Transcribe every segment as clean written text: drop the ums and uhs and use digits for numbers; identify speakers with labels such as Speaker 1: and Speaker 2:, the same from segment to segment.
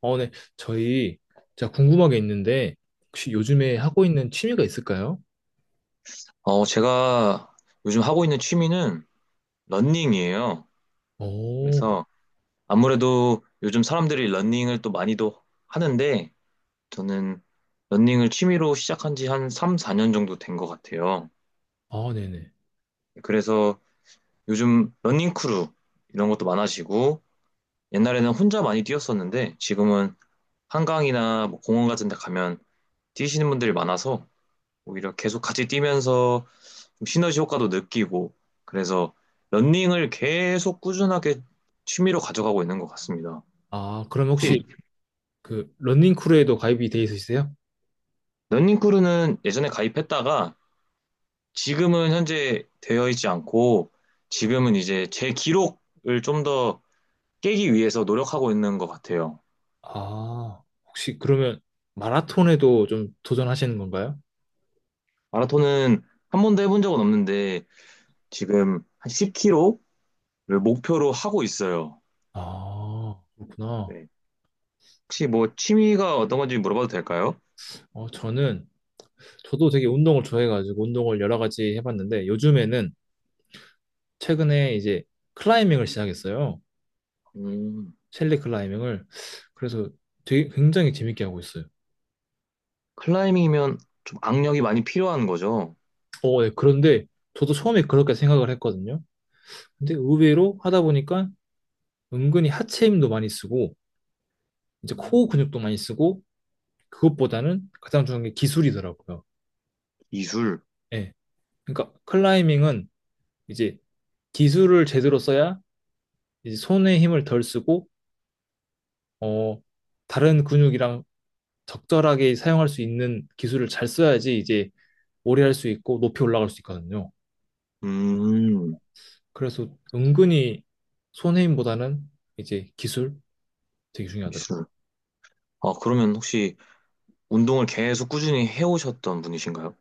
Speaker 1: 어, 네. 저희, 제가 궁금한 게 있는데, 혹시 요즘에 하고 있는 취미가 있을까요?
Speaker 2: 제가 요즘 하고 있는 취미는 러닝이에요.
Speaker 1: 오,
Speaker 2: 그래서 아무래도 요즘 사람들이 러닝을 또 많이도 하는데 저는 러닝을 취미로 시작한 지 한 3, 4년 정도 된 것 같아요.
Speaker 1: 아, 네네.
Speaker 2: 그래서 요즘 러닝 크루 이런 것도 많아지고 옛날에는 혼자 많이 뛰었었는데 지금은 한강이나 뭐 공원 같은 데 가면 뛰시는 분들이 많아서 오히려 계속 같이 뛰면서 좀 시너지 효과도 느끼고 그래서 런닝을 계속 꾸준하게 취미로 가져가고 있는 것 같습니다.
Speaker 1: 아, 그럼
Speaker 2: 팁,
Speaker 1: 혹시 그 러닝 크루에도 가입이 돼 있으세요?
Speaker 2: 런닝크루는 예전에 가입했다가 지금은 현재 되어 있지 않고 지금은 이제 제 기록을 좀 더 깨기 위해서 노력하고 있는 것 같아요.
Speaker 1: 아, 혹시 그러면 마라톤에도 좀 도전하시는 건가요?
Speaker 2: 마라톤은 한 번도 해본 적은 없는데 지금 한 10km를 목표로 하고 있어요.
Speaker 1: 아, 그렇구나.
Speaker 2: 네. 혹시 뭐 취미가 어떤 건지 물어봐도 될까요?
Speaker 1: 저는, 저도 되게 운동을 좋아해가지고 운동을 여러 가지 해봤는데, 요즘에는 최근에 이제 클라이밍을 시작했어요.
Speaker 2: 음.
Speaker 1: 셸리 클라이밍을. 그래서 되게 굉장히 재밌게 하고 있어요.
Speaker 2: 클라이밍이면 좀 악력이 많이 필요한 거죠.
Speaker 1: 어, 네. 그런데 저도 처음에 그렇게 생각을 했거든요. 근데 의외로 하다 보니까 은근히 하체 힘도 많이 쓰고, 이제
Speaker 2: 음.
Speaker 1: 코어 근육도 많이 쓰고, 그것보다는 가장 중요한 게 기술이더라고요.
Speaker 2: 기술.
Speaker 1: 예. 그러니까 클라이밍은 이제 기술을 제대로 써야 이제 손의 힘을 덜 쓰고, 어, 다른 근육이랑 적절하게 사용할 수 있는 기술을 잘 써야지 이제 오래 할 수 있고 높이 올라갈 수 있거든요.
Speaker 2: 음,
Speaker 1: 그래서 은근히 손의 힘보다는 이제 기술 되게 중요하더라고요.
Speaker 2: 기술. 아, 그러면 혹시 운동을 계속 꾸준히 해오셨던 분이신가요?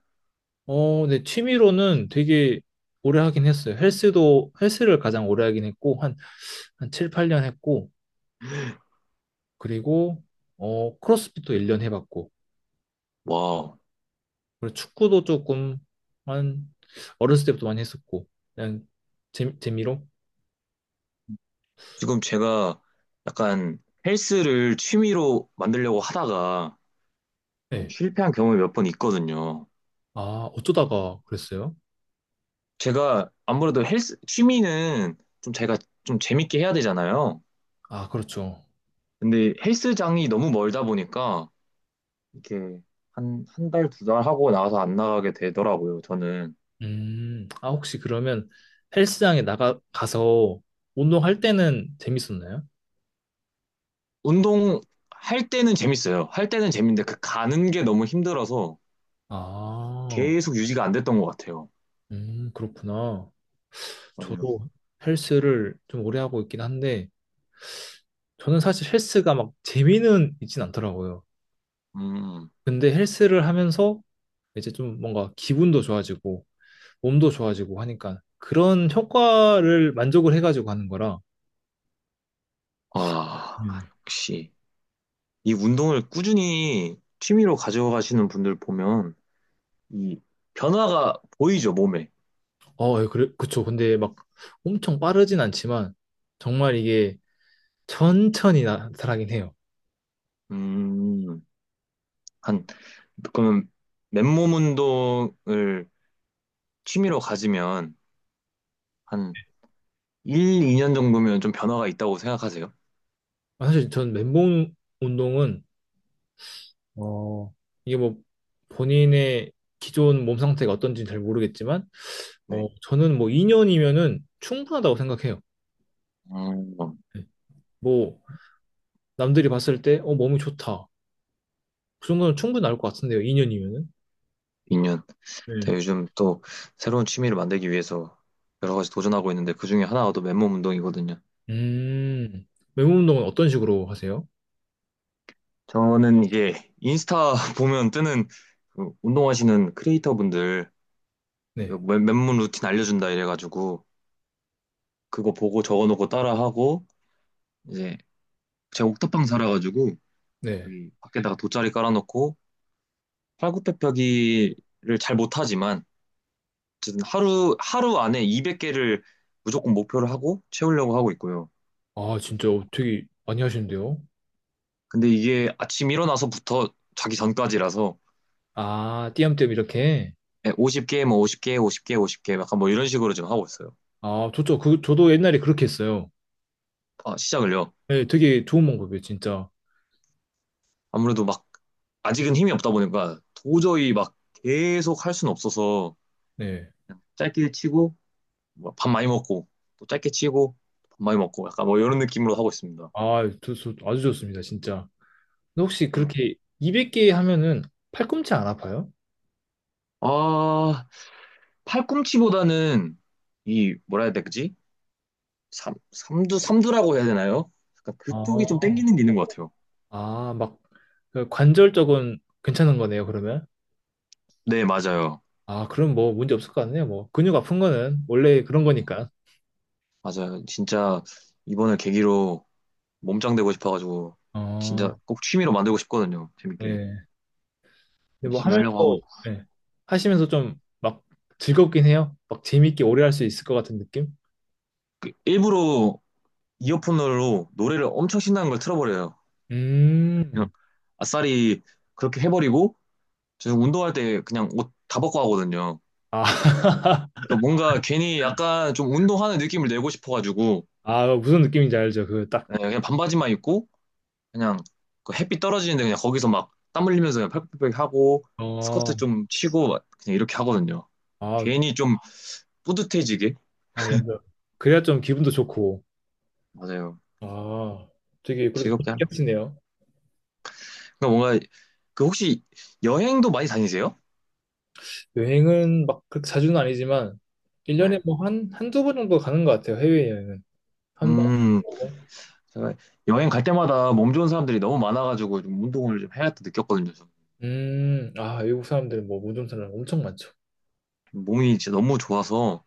Speaker 1: 어, 네, 취미로는 되게 오래 하긴 했어요. 헬스도, 헬스를 가장 오래 하긴 했고, 한, 한 7, 8년 했고, 그리고, 크로스핏도 1년 해봤고,
Speaker 2: 와,
Speaker 1: 그리고 축구도 조금, 한, 어렸을 때부터 많이 했었고, 그냥, 재미로?
Speaker 2: 지금 제가 약간 헬스를 취미로 만들려고 하다가 좀
Speaker 1: 네.
Speaker 2: 실패한 경험이 몇 번 있거든요.
Speaker 1: 아, 어쩌다가 그랬어요?
Speaker 2: 제가 아무래도 헬스, 취미는 좀 제가 좀 재밌게 해야 되잖아요.
Speaker 1: 아, 그렇죠.
Speaker 2: 근데 헬스장이 너무 멀다 보니까 이렇게 한 달, 두 달 하고 나와서 안 나가게 되더라고요, 저는.
Speaker 1: 아, 혹시 그러면 가서 운동할 때는 재밌었나요?
Speaker 2: 운동 할 때는 재밌어요. 할 때는 재밌는데 그 가는 게 너무 힘들어서
Speaker 1: 아,
Speaker 2: 계속 유지가 안 됐던 것 같아요.
Speaker 1: 그렇구나.
Speaker 2: 맞아요.
Speaker 1: 저도 헬스를 좀 오래 하고 있긴 한데, 저는 사실 헬스가 막 재미는 있진 않더라고요.
Speaker 2: 음,
Speaker 1: 근데 헬스를 하면서 이제 좀 뭔가 기분도 좋아지고, 몸도 좋아지고 하니까 그런 효과를 만족을 해가지고 하는 거라.
Speaker 2: 와,
Speaker 1: 음.
Speaker 2: 역시 이 운동을 꾸준히 취미로 가져가시는 분들 보면 이 변화가 보이죠, 몸에.
Speaker 1: 어, 예, 그래, 그쵸. 근데 막 엄청 빠르진 않지만, 정말 이게 천천히 나타나긴 해요.
Speaker 2: 음, 한, 그러면 맨몸 운동을 취미로 가지면 한 1, 2년 정도면 좀 변화가 있다고 생각하세요?
Speaker 1: 아, 사실 전 맨몸 운동은, 어, 이게 뭐 본인의 기존 몸 상태가 어떤지는 잘 모르겠지만,
Speaker 2: 네.
Speaker 1: 저는 뭐 2년이면은 충분하다고 생각해요.
Speaker 2: 음,
Speaker 1: 네. 뭐, 남들이 봤을 때, 몸이 좋다. 그 정도는 충분히 나올 것 같은데요, 2년이면은.
Speaker 2: 2년.
Speaker 1: 네.
Speaker 2: 제가 요즘 또 새로운 취미를 만들기 위해서 여러 가지 도전하고 있는데 그중에 하나가 또 맨몸 운동이거든요.
Speaker 1: 음, 맨몸 운동은 어떤 식으로 하세요?
Speaker 2: 저는 이게 인스타 보면 뜨는 그 운동하시는 크리에이터 분들
Speaker 1: 네,
Speaker 2: 맨몸 루틴 알려준다 이래가지고 그거 보고 적어놓고 따라하고 이제 제가 옥탑방 살아가지고
Speaker 1: 네.
Speaker 2: 여기 밖에다가 돗자리 깔아놓고 팔굽혀펴기를 잘 못하지만 어쨌든 하루 안에 200개를 무조건 목표를 하고 채우려고 하고 있고요.
Speaker 1: 아, 진짜, 되게 많이 하시는데요?
Speaker 2: 근데 이게 아침 일어나서부터 자기 전까지라서
Speaker 1: 아, 띄엄띄엄 이렇게?
Speaker 2: 50개, 뭐 50개, 50개, 50개 약간 뭐 이런 식으로 지금 하고 있어요.
Speaker 1: 아, 좋죠. 그, 저도 옛날에 그렇게 했어요.
Speaker 2: 아, 시작을요.
Speaker 1: 네, 되게 좋은 방법이에요, 진짜.
Speaker 2: 아무래도 막 아직은 힘이 없다 보니까 도저히 막 계속 할 수는 없어서
Speaker 1: 네.
Speaker 2: 그냥 짧게 치고 뭐밥 많이 먹고 또 짧게 치고 밥 많이 먹고 약간 뭐 이런 느낌으로 하고 있습니다.
Speaker 1: 아, 아주 좋습니다, 진짜. 근데 혹시
Speaker 2: 어.
Speaker 1: 그렇게 200개 하면은 팔꿈치 안 아파요?
Speaker 2: 아, 팔꿈치보다는 이 뭐라 해야 되지? 삼, 삼두, 삼두라고 해야 되나요? 약간 그쪽이 좀
Speaker 1: 아,
Speaker 2: 땡기는 게 있는 것 같아요.
Speaker 1: 아, 막 그 관절 쪽은 괜찮은 거네요, 그러면.
Speaker 2: 네, 맞아요.
Speaker 1: 아, 그럼 뭐 문제 없을 것 같네요. 뭐 근육 아픈 거는 원래 그런 거니까.
Speaker 2: 맞아요. 진짜 이번을 계기로 몸짱되고 싶어가지고
Speaker 1: 어,
Speaker 2: 진짜 꼭 취미로 만들고 싶거든요.
Speaker 1: 예.
Speaker 2: 재밌게
Speaker 1: 근데 뭐
Speaker 2: 열심히
Speaker 1: 하면서
Speaker 2: 하려고 하고 있-
Speaker 1: 예. 하시면서 좀 막 즐겁긴 해요. 막 재밌게 오래 할 수 있을 것 같은 느낌?
Speaker 2: 그 일부러 이어폰으로 노래를 엄청 신나는 걸 틀어버려요. 그냥
Speaker 1: 음.
Speaker 2: 아싸리 그렇게 해버리고 저 운동할 때 그냥 옷 다 벗고 하거든요.
Speaker 1: 아,
Speaker 2: 그러니까 뭔가 괜히 약간 좀 운동하는 느낌을 내고 싶어가지고
Speaker 1: 아 무슨 느낌인지 알죠? 그 딱.
Speaker 2: 네, 그냥 반바지만 입고 그냥 그 햇빛 떨어지는데 그냥 거기서 막 땀 흘리면서 그냥 펄펄펄 하고
Speaker 1: 어.
Speaker 2: 스커트 좀 치고 막 그냥 이렇게 하거든요.
Speaker 1: 아,
Speaker 2: 괜히 좀 뿌듯해지게.
Speaker 1: 아 맞아. 그래야 좀 기분도 좋고.
Speaker 2: 맞아요.
Speaker 1: 아, 되게 그래도
Speaker 2: 즐겁게
Speaker 1: 재밌게
Speaker 2: 하라.
Speaker 1: 하시네요.
Speaker 2: 그러니까 뭔가 그 혹시 여행도 많이 다니세요?
Speaker 1: 여행은 막 그렇게 자주는 아니지만 1년에
Speaker 2: 네.
Speaker 1: 뭐 한, 한두 번 정도 가는 것 같아요, 해외여행은. 한 번?
Speaker 2: 음, 제가 여행 갈 때마다 몸 좋은 사람들이 너무 많아가지고 좀 운동을 좀 해야겠다 느꼈거든요. 저는.
Speaker 1: 아, 외국 사람들은 뭐 모든 사람 엄청 많죠.
Speaker 2: 몸이 진짜 너무 좋아서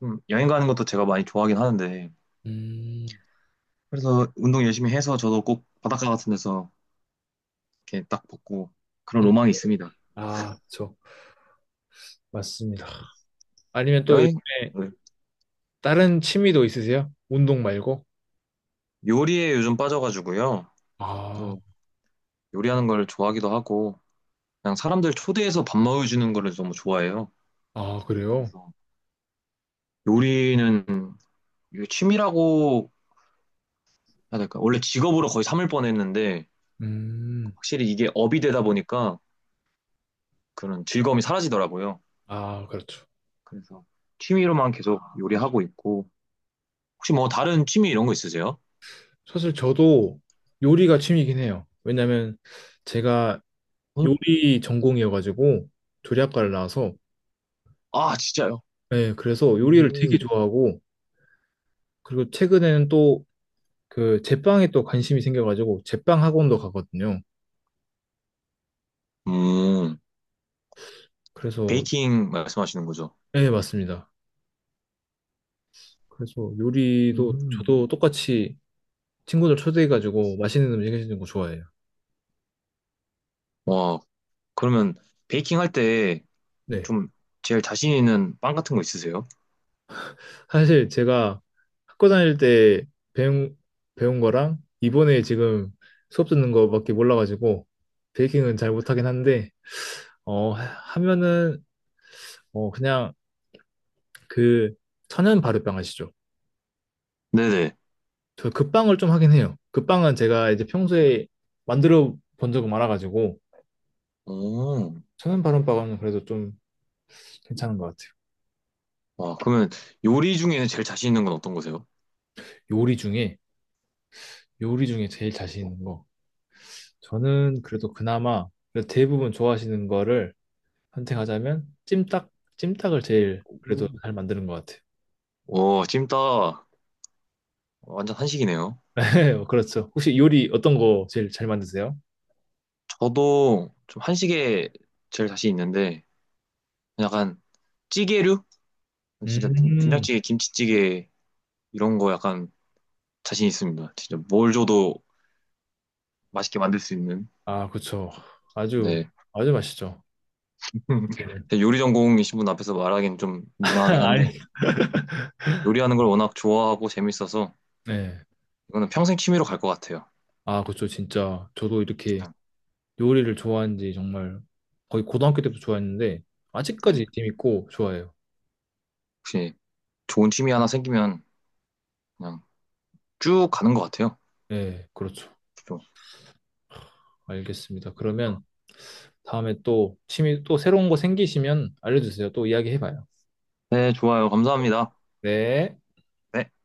Speaker 2: 좀 여행 가는 것도 제가 많이 좋아하긴 하는데
Speaker 1: 음,
Speaker 2: 그래서 운동 열심히 해서 저도 꼭 바닷가 같은 데서 이렇게 딱 벗고 그런
Speaker 1: 음,
Speaker 2: 로망이 있습니다.
Speaker 1: 아, 그쵸. 맞습니다.
Speaker 2: 네.
Speaker 1: 아니면 또
Speaker 2: 여행,
Speaker 1: 요즘에
Speaker 2: 네.
Speaker 1: 다른 취미도 있으세요? 운동 말고?
Speaker 2: 요리에 요즘 빠져가지고요.
Speaker 1: 아,
Speaker 2: 또 요리하는 걸 좋아하기도 하고 그냥 사람들 초대해서 밥 먹여주는 거를 너무 좋아해요.
Speaker 1: 아, 그래요?
Speaker 2: 그래서 요리는 이게 취미라고 해야 될까? 원래 직업으로 거의 삼을 뻔했는데
Speaker 1: 음,
Speaker 2: 확실히 이게 업이 되다 보니까 그런 즐거움이 사라지더라고요.
Speaker 1: 아, 그렇죠.
Speaker 2: 그래서 취미로만 계속 요리하고 있고 혹시 뭐 다른 취미 이런 거 있으세요?
Speaker 1: 사실 저도 요리가 취미이긴 해요. 왜냐면 제가
Speaker 2: 응?
Speaker 1: 요리 전공이어가지고 조리학과를 나와서,
Speaker 2: 아 진짜요?
Speaker 1: 네, 그래서 요리를 되게
Speaker 2: 음,
Speaker 1: 좋아하고, 그리고 최근에는 또 그 제빵에 또 관심이 생겨가지고 제빵 학원도 가거든요.
Speaker 2: 음
Speaker 1: 그래서,
Speaker 2: 베이킹 말씀하시는 거죠?
Speaker 1: 예, 맞습니다. 그래서 요리도
Speaker 2: 음.
Speaker 1: 저도 똑같이 친구들 초대해가지고 맛있는 음식 해주는 거 좋아해요.
Speaker 2: 와 그러면 베이킹 할 때
Speaker 1: 네.
Speaker 2: 좀 제일 자신 있는 빵 같은 거 있으세요?
Speaker 1: 사실 제가 학교 다닐 때 배운, 배운 거랑 이번에 지금 수업 듣는 거밖에 몰라가지고 베이킹은 잘 못하긴 한데, 어, 하- 하면은, 그냥 그 천연 발효빵 아시죠?
Speaker 2: 네네.
Speaker 1: 저 그 빵을 좀 하긴 해요. 그 빵은 제가 이제 평소에 만들어 본 적은 많아가지고,
Speaker 2: 오,
Speaker 1: 천연 발효빵은 그래도 좀 괜찮은 것 같아요.
Speaker 2: 와 그러면 요리 중에는 제일 자신 있는 건 어떤 거세요?
Speaker 1: 요리 중에 요리 중에 제일 자신 있는 거. 저는 그래도 그나마 그래도 대부분 좋아하시는 거를 선택하자면 찜닭을 제일 그래도
Speaker 2: 오,
Speaker 1: 잘 만드는 것 같아요.
Speaker 2: 오, 찜닭 완전 한식이네요.
Speaker 1: 그렇죠. 혹시 요리 어떤 거 제일 잘 만드세요?
Speaker 2: 저도 좀 한식에 제일 자신 있는데 약간 찌개류? 진짜
Speaker 1: 음,
Speaker 2: 된장찌개, 김치찌개 이런 거 약간 자신 있습니다. 진짜 뭘 줘도 맛있게 만들 수 있는.
Speaker 1: 아, 그쵸. 아주,
Speaker 2: 네.
Speaker 1: 아주 맛있죠. 얘는.
Speaker 2: 제 요리 전공이신 분 앞에서 말하기는 좀 민망하긴 한데
Speaker 1: 아니.
Speaker 2: 요리하는 걸 워낙 좋아하고 재밌어서
Speaker 1: 네.
Speaker 2: 이거는 평생 취미로 갈 것 같아요.
Speaker 1: 아, 그쵸. 진짜. 저도 이렇게
Speaker 2: 그냥,
Speaker 1: 요리를 좋아한 지 정말 거의 고등학교 때부터 좋아했는데,
Speaker 2: 네.
Speaker 1: 아직까지 재밌고 좋아해요.
Speaker 2: 혹시 좋은 취미 하나 생기면 그냥 쭉 가는 것 같아요.
Speaker 1: 네, 그렇죠.
Speaker 2: 좀.
Speaker 1: 알겠습니다. 그러면 다음에 또 취미 또 새로운 거 생기시면 알려주세요. 또 이야기해봐요.
Speaker 2: 네, 좋아요. 감사합니다.
Speaker 1: 네.
Speaker 2: 네.